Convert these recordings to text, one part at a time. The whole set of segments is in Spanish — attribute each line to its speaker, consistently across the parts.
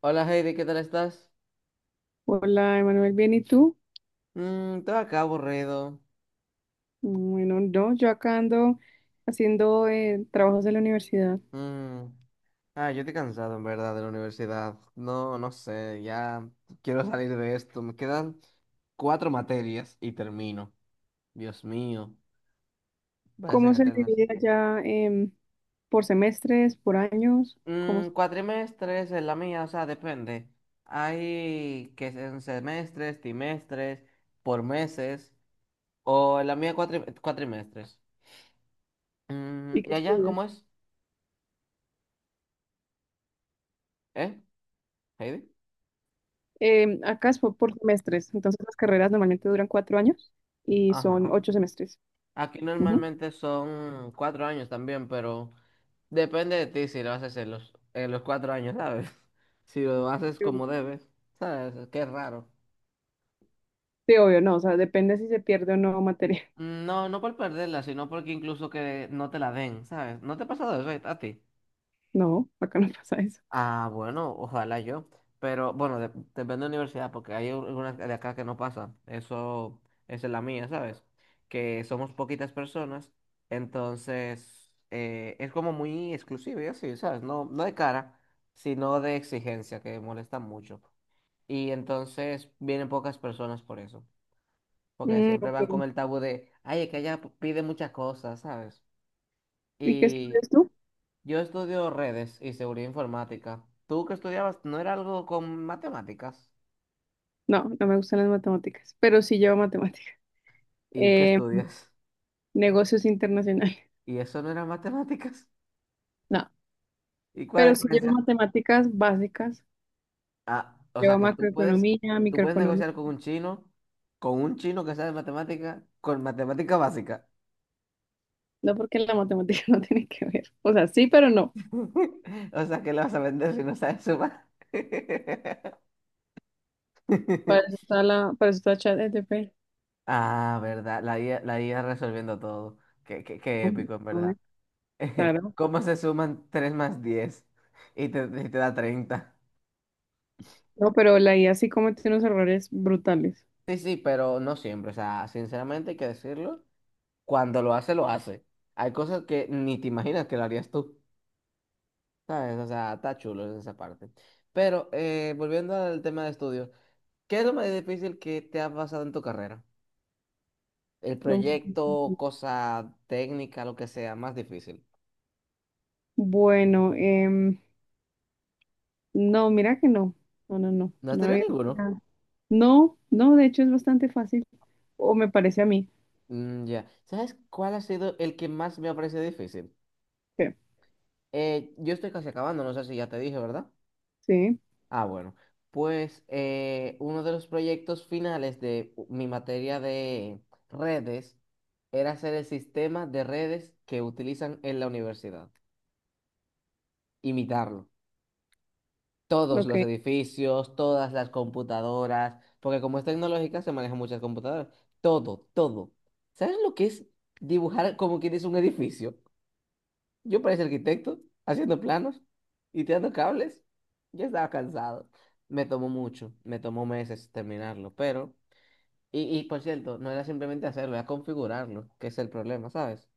Speaker 1: Hola Heidi, ¿qué tal estás?
Speaker 2: Hola, Emanuel, ¿bien y tú?
Speaker 1: Todo acá aburrido.
Speaker 2: Bueno, no, yo acá ando haciendo trabajos de la universidad.
Speaker 1: Mm, Ah, yo estoy cansado en verdad de la universidad. No, no sé, ya quiero salir de esto. Me quedan cuatro materias y termino. Dios mío, parecen
Speaker 2: ¿Cómo se
Speaker 1: eternas.
Speaker 2: divide allá por semestres, por años? ¿Cómo
Speaker 1: Mm,
Speaker 2: se-
Speaker 1: cuatrimestres es la mía, o sea, depende. Hay que en semestres, trimestres, por meses, o en la mía cuatrimestres. Mm,
Speaker 2: y
Speaker 1: ¿y
Speaker 2: qué
Speaker 1: allá
Speaker 2: estudias?
Speaker 1: cómo es? ¿Eh, Heidi?
Speaker 2: Acá es por semestres, entonces las carreras normalmente duran 4 años y son
Speaker 1: Ajá.
Speaker 2: 8 semestres.
Speaker 1: Aquí
Speaker 2: Ujú.
Speaker 1: normalmente son 4 años también, pero depende de ti si lo haces en los 4 años, ¿sabes? Si lo haces como debes, ¿sabes? Qué raro.
Speaker 2: Sí, obvio, no, o sea, depende si se pierde o no materia.
Speaker 1: No, no por perderla, sino porque incluso que no te la den, ¿sabes? ¿No te ha pasado eso a ti?
Speaker 2: No, acá no pasa eso.
Speaker 1: Ah, bueno, ojalá yo. Pero bueno, depende de la universidad, porque hay algunas de acá que no pasa. Eso, esa es la mía, ¿sabes? Que somos poquitas personas, entonces es como muy exclusivo y así, ¿sabes? No, no de cara, sino de exigencia, que molesta mucho. Y entonces vienen pocas personas por eso, porque
Speaker 2: Mm,
Speaker 1: siempre van con
Speaker 2: ok.
Speaker 1: el tabú de, ay, es que ella pide muchas cosas, ¿sabes?
Speaker 2: ¿Y qué estudias tú?
Speaker 1: Yo estudio redes y seguridad informática. ¿Tú que estudiabas no era algo con matemáticas?
Speaker 2: No, no me gustan las matemáticas, pero sí llevo matemáticas.
Speaker 1: ¿Y qué estudias?
Speaker 2: Negocios internacionales.
Speaker 1: ¿Y eso no era matemáticas?
Speaker 2: No,
Speaker 1: ¿Y cuál es
Speaker 2: pero
Speaker 1: la
Speaker 2: sí llevo
Speaker 1: diferencia?
Speaker 2: matemáticas básicas,
Speaker 1: Ah, o sea
Speaker 2: llevo
Speaker 1: que
Speaker 2: macroeconomía,
Speaker 1: tú puedes
Speaker 2: microeconomía.
Speaker 1: negociar con un chino que sabe matemática, con matemática básica.
Speaker 2: No porque la matemática no tiene que ver. O sea, sí, pero no.
Speaker 1: O sea que le vas a vender si no sabes sumar.
Speaker 2: Para eso está ChatGPT.
Speaker 1: Ah, verdad, la IA, la IA resolviendo todo. Qué
Speaker 2: Hombre,
Speaker 1: épico, en
Speaker 2: hombre.
Speaker 1: verdad.
Speaker 2: Claro.
Speaker 1: ¿Cómo se suman 3 más 10? Y te da 30.
Speaker 2: No, pero la IA sí comete unos errores brutales.
Speaker 1: Sí, sí, pero no siempre. O sea, sinceramente hay que decirlo. Cuando lo hace, lo hace. Hay cosas que ni te imaginas que lo harías tú. ¿Sabes? O sea, está chulo en esa parte. Pero volviendo al tema de estudios, ¿qué es lo más difícil que te ha pasado en tu carrera? El
Speaker 2: No.
Speaker 1: proyecto, cosa técnica, lo que sea, más difícil.
Speaker 2: Bueno, no, mira que no. No, no, no.
Speaker 1: ¿No has
Speaker 2: No
Speaker 1: tenido
Speaker 2: había.
Speaker 1: ninguno?
Speaker 2: No, no, de hecho es bastante fácil. O me parece a mí.
Speaker 1: Mm, ya. ¿Sabes cuál ha sido el que más me ha parecido difícil?
Speaker 2: Sí,
Speaker 1: Yo estoy casi acabando, no sé si ya te dije, ¿verdad?
Speaker 2: sí,
Speaker 1: Ah, bueno. Pues uno de los proyectos finales de mi materia de redes era hacer el sistema de redes que utilizan en la universidad. Imitarlo. Todos los
Speaker 2: ok.
Speaker 1: edificios, todas las computadoras, porque como es tecnológica se manejan muchas computadoras. Todo, todo. ¿Sabes lo que es dibujar como quieres un edificio? Yo parecía arquitecto, haciendo planos y tirando cables. Ya estaba cansado. Me tomó mucho, me tomó meses terminarlo, pero... Y por cierto, no era simplemente hacerlo, era configurarlo, que es el problema, ¿sabes?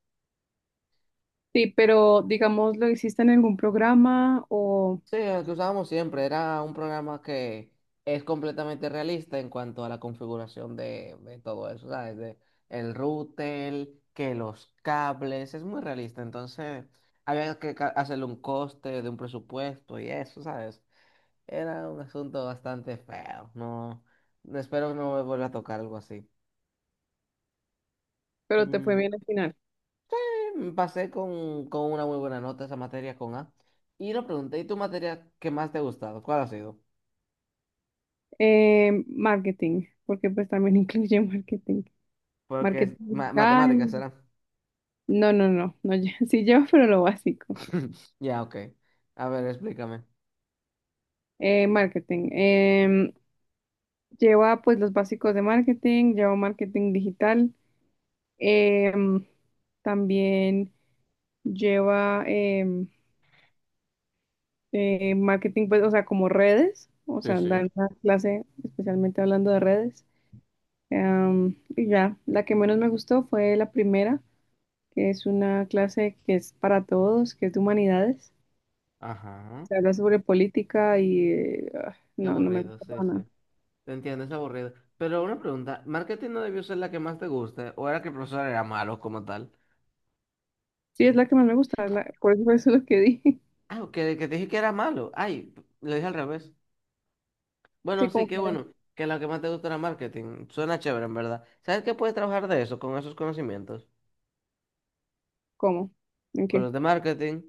Speaker 2: Sí, pero digamos, ¿lo hiciste en algún programa o
Speaker 1: Sí, el que usábamos siempre era un programa que es completamente realista en cuanto a la configuración de todo eso, ¿sabes? De el router, que los cables, es muy realista, entonces había que hacerle un coste de un presupuesto y eso, ¿sabes? Era un asunto bastante feo. No, no espero no me vuelva a tocar algo así.
Speaker 2: pero te fue
Speaker 1: Mm,
Speaker 2: bien al final?
Speaker 1: Pasé con una muy buena nota esa materia con A. Y lo pregunté, ¿y tu materia que más te ha gustado? ¿Cuál ha sido?
Speaker 2: Marketing, porque pues también incluye marketing.
Speaker 1: Porque
Speaker 2: Marketing
Speaker 1: es matemáticas,
Speaker 2: digital.
Speaker 1: ¿será?
Speaker 2: No, no, no, no, sí lleva, pero lo básico.
Speaker 1: Ya, ok. A ver, explícame.
Speaker 2: Marketing. Lleva pues los básicos de marketing, lleva marketing digital. em, También lleva marketing, pues, o sea, como redes. O
Speaker 1: Sí,
Speaker 2: sea,
Speaker 1: sí.
Speaker 2: dar una clase especialmente hablando de redes. Y ya, la que menos me gustó fue la primera, que es una clase que es para todos, que es de humanidades.
Speaker 1: Ajá.
Speaker 2: Se habla sobre política y ah,
Speaker 1: Qué
Speaker 2: no, no me
Speaker 1: aburrido,
Speaker 2: gusta
Speaker 1: sí,
Speaker 2: para
Speaker 1: sí.
Speaker 2: nada.
Speaker 1: Te entiendo, es aburrido. Pero una pregunta, ¿marketing no debió ser la que más te guste? ¿O era que el profesor era malo como tal?
Speaker 2: Sí, es la que más me gusta, por eso fue eso lo que di.
Speaker 1: Ah, que te dije que era malo. Ay, lo dije al revés.
Speaker 2: Sí,
Speaker 1: Bueno, sí,
Speaker 2: como
Speaker 1: qué
Speaker 2: que,
Speaker 1: bueno, que lo que más te gusta era marketing. Suena chévere, en verdad. ¿Sabes qué puedes trabajar de eso, con esos conocimientos?
Speaker 2: ¿cómo? ¿En
Speaker 1: Con
Speaker 2: qué?
Speaker 1: los de marketing,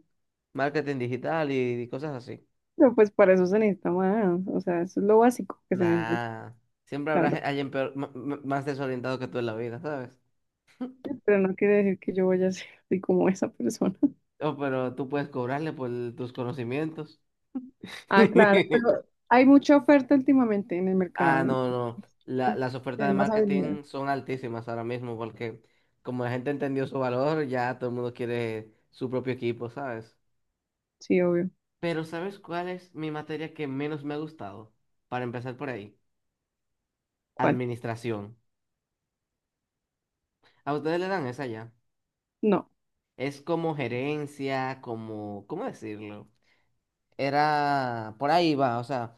Speaker 1: marketing digital y cosas así.
Speaker 2: Pero pues para eso se necesita más, o sea, eso es lo básico que se necesita,
Speaker 1: Nah, siempre habrá
Speaker 2: claro.
Speaker 1: alguien más desorientado que tú en la vida, ¿sabes?
Speaker 2: Sí, pero no quiere decir que yo vaya a ser así como esa persona.
Speaker 1: Oh, pero tú puedes cobrarle por tus conocimientos.
Speaker 2: Ah, claro, pero hay mucha oferta últimamente en el
Speaker 1: Ah,
Speaker 2: mercado,
Speaker 1: no,
Speaker 2: entonces,
Speaker 1: no. Las ofertas
Speaker 2: hay
Speaker 1: de
Speaker 2: más habilidad.
Speaker 1: marketing son altísimas ahora mismo porque como la gente entendió su valor, ya todo el mundo quiere su propio equipo, ¿sabes?
Speaker 2: Sí, obvio.
Speaker 1: Pero ¿sabes cuál es mi materia que menos me ha gustado? Para empezar por ahí,
Speaker 2: ¿Cuál?
Speaker 1: administración. A ustedes le dan esa ya.
Speaker 2: No,
Speaker 1: Es como gerencia, como, ¿cómo decirlo? Era, por ahí va, o sea,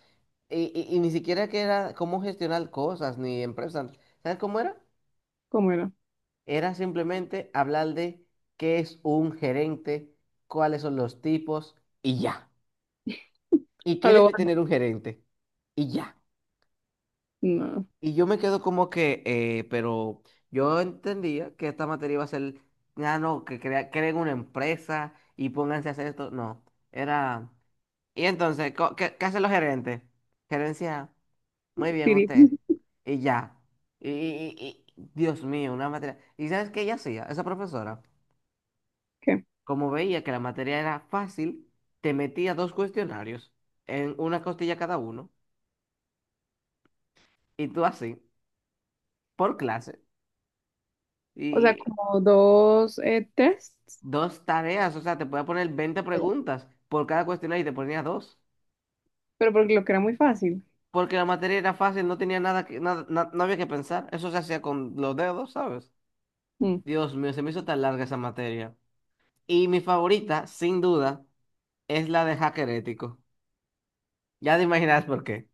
Speaker 1: y ni siquiera que era cómo gestionar cosas ni empresas. ¿Sabes cómo era?
Speaker 2: ¿cómo era?
Speaker 1: Era simplemente hablar de qué es un gerente, cuáles son los tipos y ya. ¿Y qué
Speaker 2: Algo,
Speaker 1: debe tener un gerente? Y ya.
Speaker 2: no,
Speaker 1: Y yo me quedo como que, pero yo entendía que esta materia iba a ser, ah, no, que creen una empresa y pónganse a hacer esto. No, era... Y entonces, ¿qué hacen los gerentes? Gerencia, muy bien
Speaker 2: Siri,
Speaker 1: usted. Y ya. y- y- Dios mío, una materia. ¿Y sabes qué ella hacía? Esa profesora,
Speaker 2: ¿qué?
Speaker 1: como veía que la materia era fácil, te metía dos cuestionarios en una costilla cada uno, y tú así, por clase.
Speaker 2: O sea, como dos tests,
Speaker 1: Dos tareas, o sea, te podía poner 20 preguntas por cada cuestionario y te ponía dos.
Speaker 2: pero porque lo que era muy fácil.
Speaker 1: Porque la materia era fácil, no tenía nada que, nada, no había que pensar. Eso se hacía con los dedos, ¿sabes?
Speaker 2: Mm,
Speaker 1: Dios mío, se me hizo tan larga esa materia. Y mi favorita, sin duda, es la de hacker ético. Ya te imaginas por qué.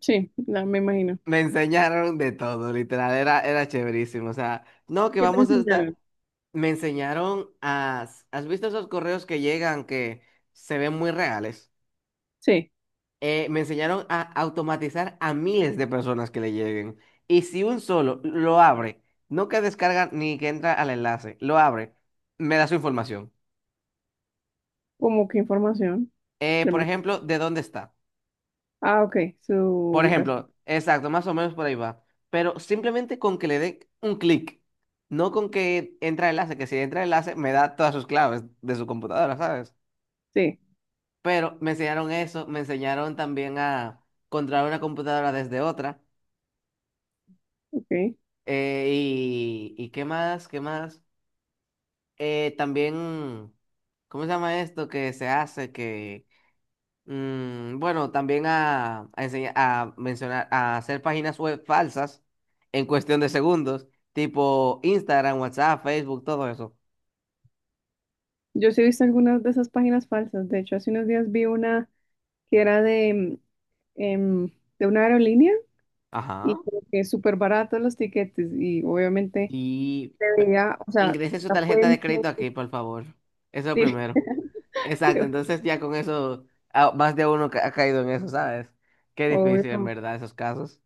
Speaker 2: sí, ya me imagino.
Speaker 1: Me enseñaron de todo, literal, era, era chéverísimo. O sea, no, que
Speaker 2: ¿Qué te
Speaker 1: vamos a estar.
Speaker 2: enseñaron?
Speaker 1: Me enseñaron a. ¿Has visto esos correos que llegan que se ven muy reales?
Speaker 2: Sí,
Speaker 1: Me enseñaron a automatizar a miles de personas que le lleguen. Y si un solo lo abre, no que descarga ni que entra al enlace, lo abre, me da su información.
Speaker 2: como qué información.
Speaker 1: Eh,
Speaker 2: Ya
Speaker 1: por
Speaker 2: me-
Speaker 1: ejemplo, de dónde está.
Speaker 2: Ah, ok, su
Speaker 1: Por
Speaker 2: ubicación.
Speaker 1: ejemplo, exacto, más o menos por ahí va. Pero simplemente con que le dé un clic, no con que entra el enlace, que si entra el enlace me da todas sus claves de su computadora, ¿sabes?
Speaker 2: Sí,
Speaker 1: Pero me enseñaron eso, me enseñaron también a controlar una computadora desde otra.
Speaker 2: ok.
Speaker 1: Y, ¿y qué más? ¿Qué más? También, ¿cómo se llama esto que se hace? Que, bueno, también a enseñar, a mencionar, a hacer páginas web falsas en cuestión de segundos, tipo Instagram, WhatsApp, Facebook, todo eso.
Speaker 2: Yo sí he visto algunas de esas páginas falsas. De hecho, hace unos días vi una que era em, de una aerolínea
Speaker 1: Ajá.
Speaker 2: y como que súper baratos los tiquetes y obviamente
Speaker 1: Y
Speaker 2: se
Speaker 1: pe-
Speaker 2: veía, o sea,
Speaker 1: ingrese su
Speaker 2: la
Speaker 1: tarjeta de
Speaker 2: fuente.
Speaker 1: crédito aquí, por favor. Eso es lo primero.
Speaker 2: Sí,
Speaker 1: Exacto, entonces ya con eso, ah, más de uno ha caído en eso, ¿sabes? Qué difícil, en
Speaker 2: obvio,
Speaker 1: verdad, esos casos.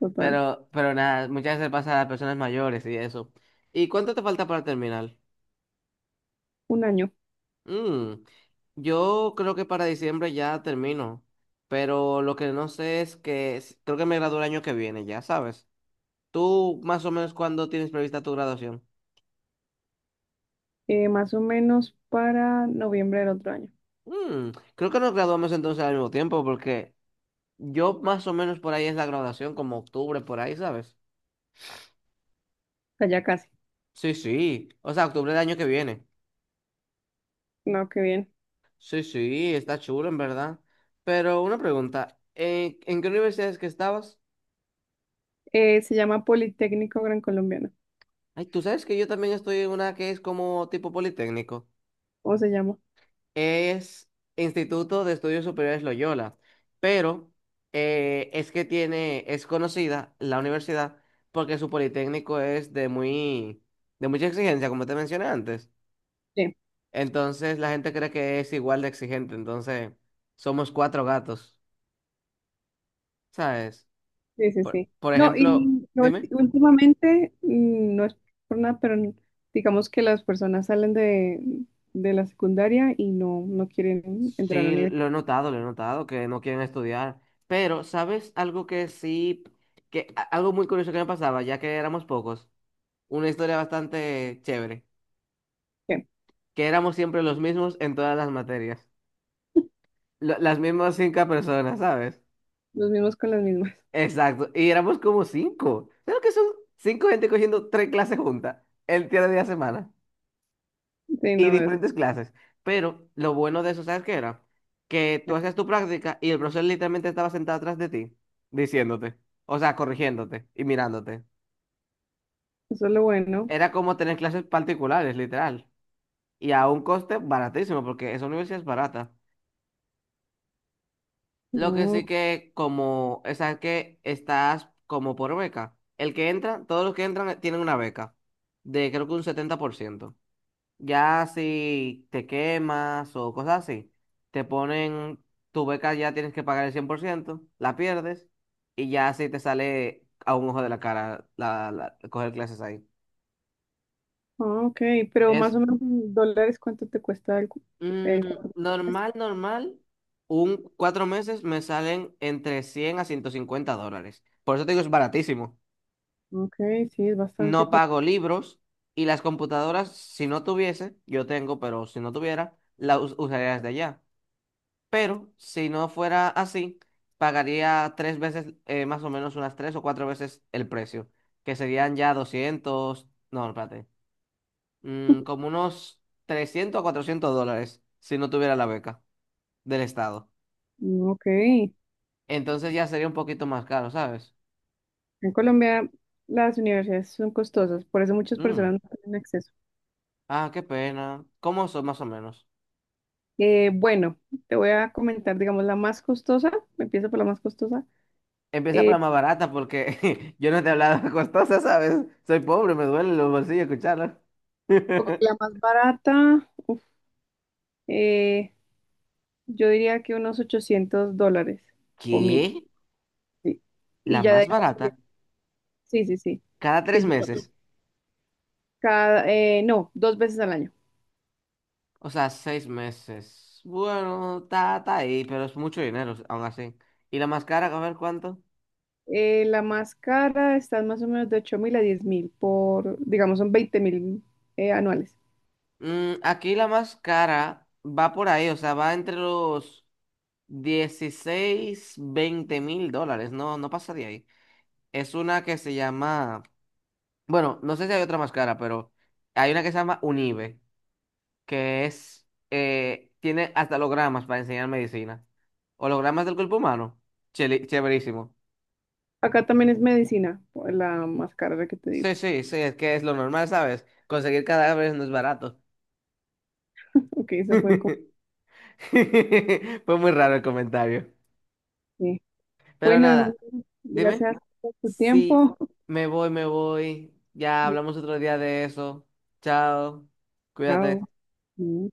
Speaker 2: total.
Speaker 1: Pero nada, muchas veces pasa a las personas mayores y eso. ¿Y cuánto te falta para terminar?
Speaker 2: Un año.
Speaker 1: Mm, yo creo que para diciembre ya termino, pero lo que no sé es que creo que me gradúo el año que viene, ya sabes. ¿Tú más o menos cuándo tienes prevista tu graduación?
Speaker 2: Más o menos para noviembre del otro año.
Speaker 1: Mm, creo que nos graduamos entonces al mismo tiempo porque yo más o menos por ahí es la graduación, como octubre, por ahí, ¿sabes?
Speaker 2: O sea, ya casi.
Speaker 1: Sí, sí, o sea, octubre del año que viene.
Speaker 2: No, qué bien.
Speaker 1: Sí, sí, está chulo en verdad. Pero una pregunta, ¿en qué universidades que estabas?
Speaker 2: Se llama Politécnico Gran Colombiano.
Speaker 1: Ay, tú sabes que yo también estoy en una que es como tipo politécnico.
Speaker 2: ¿Cómo se llama?
Speaker 1: Es Instituto de Estudios Superiores Loyola, pero es que tiene, es conocida la universidad porque su politécnico es de muy, de mucha exigencia, como te mencioné antes.
Speaker 2: Sí,
Speaker 1: Entonces la gente cree que es igual de exigente, entonces somos cuatro gatos, ¿sabes?
Speaker 2: sí, sí.
Speaker 1: Por,
Speaker 2: Sí.
Speaker 1: por
Speaker 2: No, y
Speaker 1: ejemplo,
Speaker 2: no,
Speaker 1: dime.
Speaker 2: últimamente, no es por nada, pero digamos que las personas salen de la secundaria y no, no quieren entrar a la
Speaker 1: Sí,
Speaker 2: universidad.
Speaker 1: lo he notado, que no quieren estudiar. Pero, ¿sabes algo que sí, que algo muy curioso que me pasaba, ya que éramos pocos? Una historia bastante chévere,
Speaker 2: Sí.
Speaker 1: que éramos siempre los mismos en todas las materias. Las mismas cinco personas, ¿sabes?
Speaker 2: Los mismos con las mismas.
Speaker 1: Exacto, y éramos como cinco. ¿Sabes que son cinco gente cogiendo tres clases juntas el día de la semana?
Speaker 2: Sí,
Speaker 1: Y
Speaker 2: no, eso,
Speaker 1: diferentes clases. Pero lo bueno de eso, ¿sabes qué era? Que tú hacías tu práctica y el profesor literalmente estaba sentado atrás de ti, diciéndote, o sea, corrigiéndote y mirándote.
Speaker 2: eso es lo bueno.
Speaker 1: Era como tener clases particulares, literal. Y a un coste baratísimo, porque esa universidad es barata. Lo que sí
Speaker 2: No.
Speaker 1: que, como, o sea, que estás como por beca. El que entra, todos los que entran tienen una beca de creo que un 70%. Ya si te quemas o cosas así, te ponen tu beca, ya tienes que pagar el 100% la pierdes y ya si te sale a un ojo de la cara coger clases ahí.
Speaker 2: Ah, ok, pero
Speaker 1: Es
Speaker 2: más o menos en dólares, ¿cuánto te cuesta el
Speaker 1: mm,
Speaker 2: cuatro por tres?
Speaker 1: normal, normal. Un 4 meses me salen entre $100 a $150. Por eso te digo, es baratísimo.
Speaker 2: Ok, sí, es bastante.
Speaker 1: No pago libros y las computadoras, si no tuviese, yo tengo, pero si no tuviera, las usaría desde allá. Pero si no fuera así, pagaría tres veces, más o menos unas tres o cuatro veces el precio, que serían ya 200 no, espérate, como unos $300 a $400 si no tuviera la beca del Estado.
Speaker 2: Ok, en
Speaker 1: Entonces ya sería un poquito más caro, ¿sabes?
Speaker 2: Colombia las universidades son costosas, por eso muchas
Speaker 1: Mm,
Speaker 2: personas no tienen acceso.
Speaker 1: Ah, qué pena. ¿Cómo son más o menos?
Speaker 2: Bueno, te voy a comentar, digamos, la más costosa. Empiezo por la más costosa,
Speaker 1: Empieza por
Speaker 2: es
Speaker 1: la más barata porque yo no te he hablado de costosa, ¿sabes? Soy pobre, me duelen los bolsillos escucharlo.
Speaker 2: o la más barata, uf, eh, yo diría que unos $800 o 1000.
Speaker 1: ¿Qué?
Speaker 2: Sí. Y
Speaker 1: ¿La
Speaker 2: ya de
Speaker 1: más
Speaker 2: ahí,
Speaker 1: barata?
Speaker 2: sí, sí, sí,
Speaker 1: Cada tres
Speaker 2: que yo
Speaker 1: meses,
Speaker 2: cada, no, dos veces al año.
Speaker 1: o sea, 6 meses. Bueno, está ahí, pero es mucho dinero, aún así. ¿Y la más cara, a ver cuánto?
Speaker 2: La más cara está en más o menos de 8000 a 10.000 por, digamos, son 20.000 anuales.
Speaker 1: Aquí la más cara va por ahí, o sea, va entre los 16 a 20 mil dólares, no, no pasa de ahí. Es una que se llama, bueno, no sé si hay otra más cara, pero hay una que se llama Unive, que es, tiene hasta hologramas para enseñar medicina. Hologramas del cuerpo humano, chéverísimo.
Speaker 2: Acá también es medicina, la más cara la que te digo.
Speaker 1: Sí, sí, sí, es que es lo normal, ¿sabes? Conseguir cadáveres no es barato.
Speaker 2: Ok, eso fue como...
Speaker 1: Fue muy raro el comentario.
Speaker 2: que-
Speaker 1: Pero
Speaker 2: Bueno, Emanuel,
Speaker 1: nada, dime.
Speaker 2: gracias por tu
Speaker 1: Sí,
Speaker 2: tiempo.
Speaker 1: me voy, me voy. Ya hablamos otro día de eso. Chao,
Speaker 2: Chao.
Speaker 1: cuídate.
Speaker 2: Mm.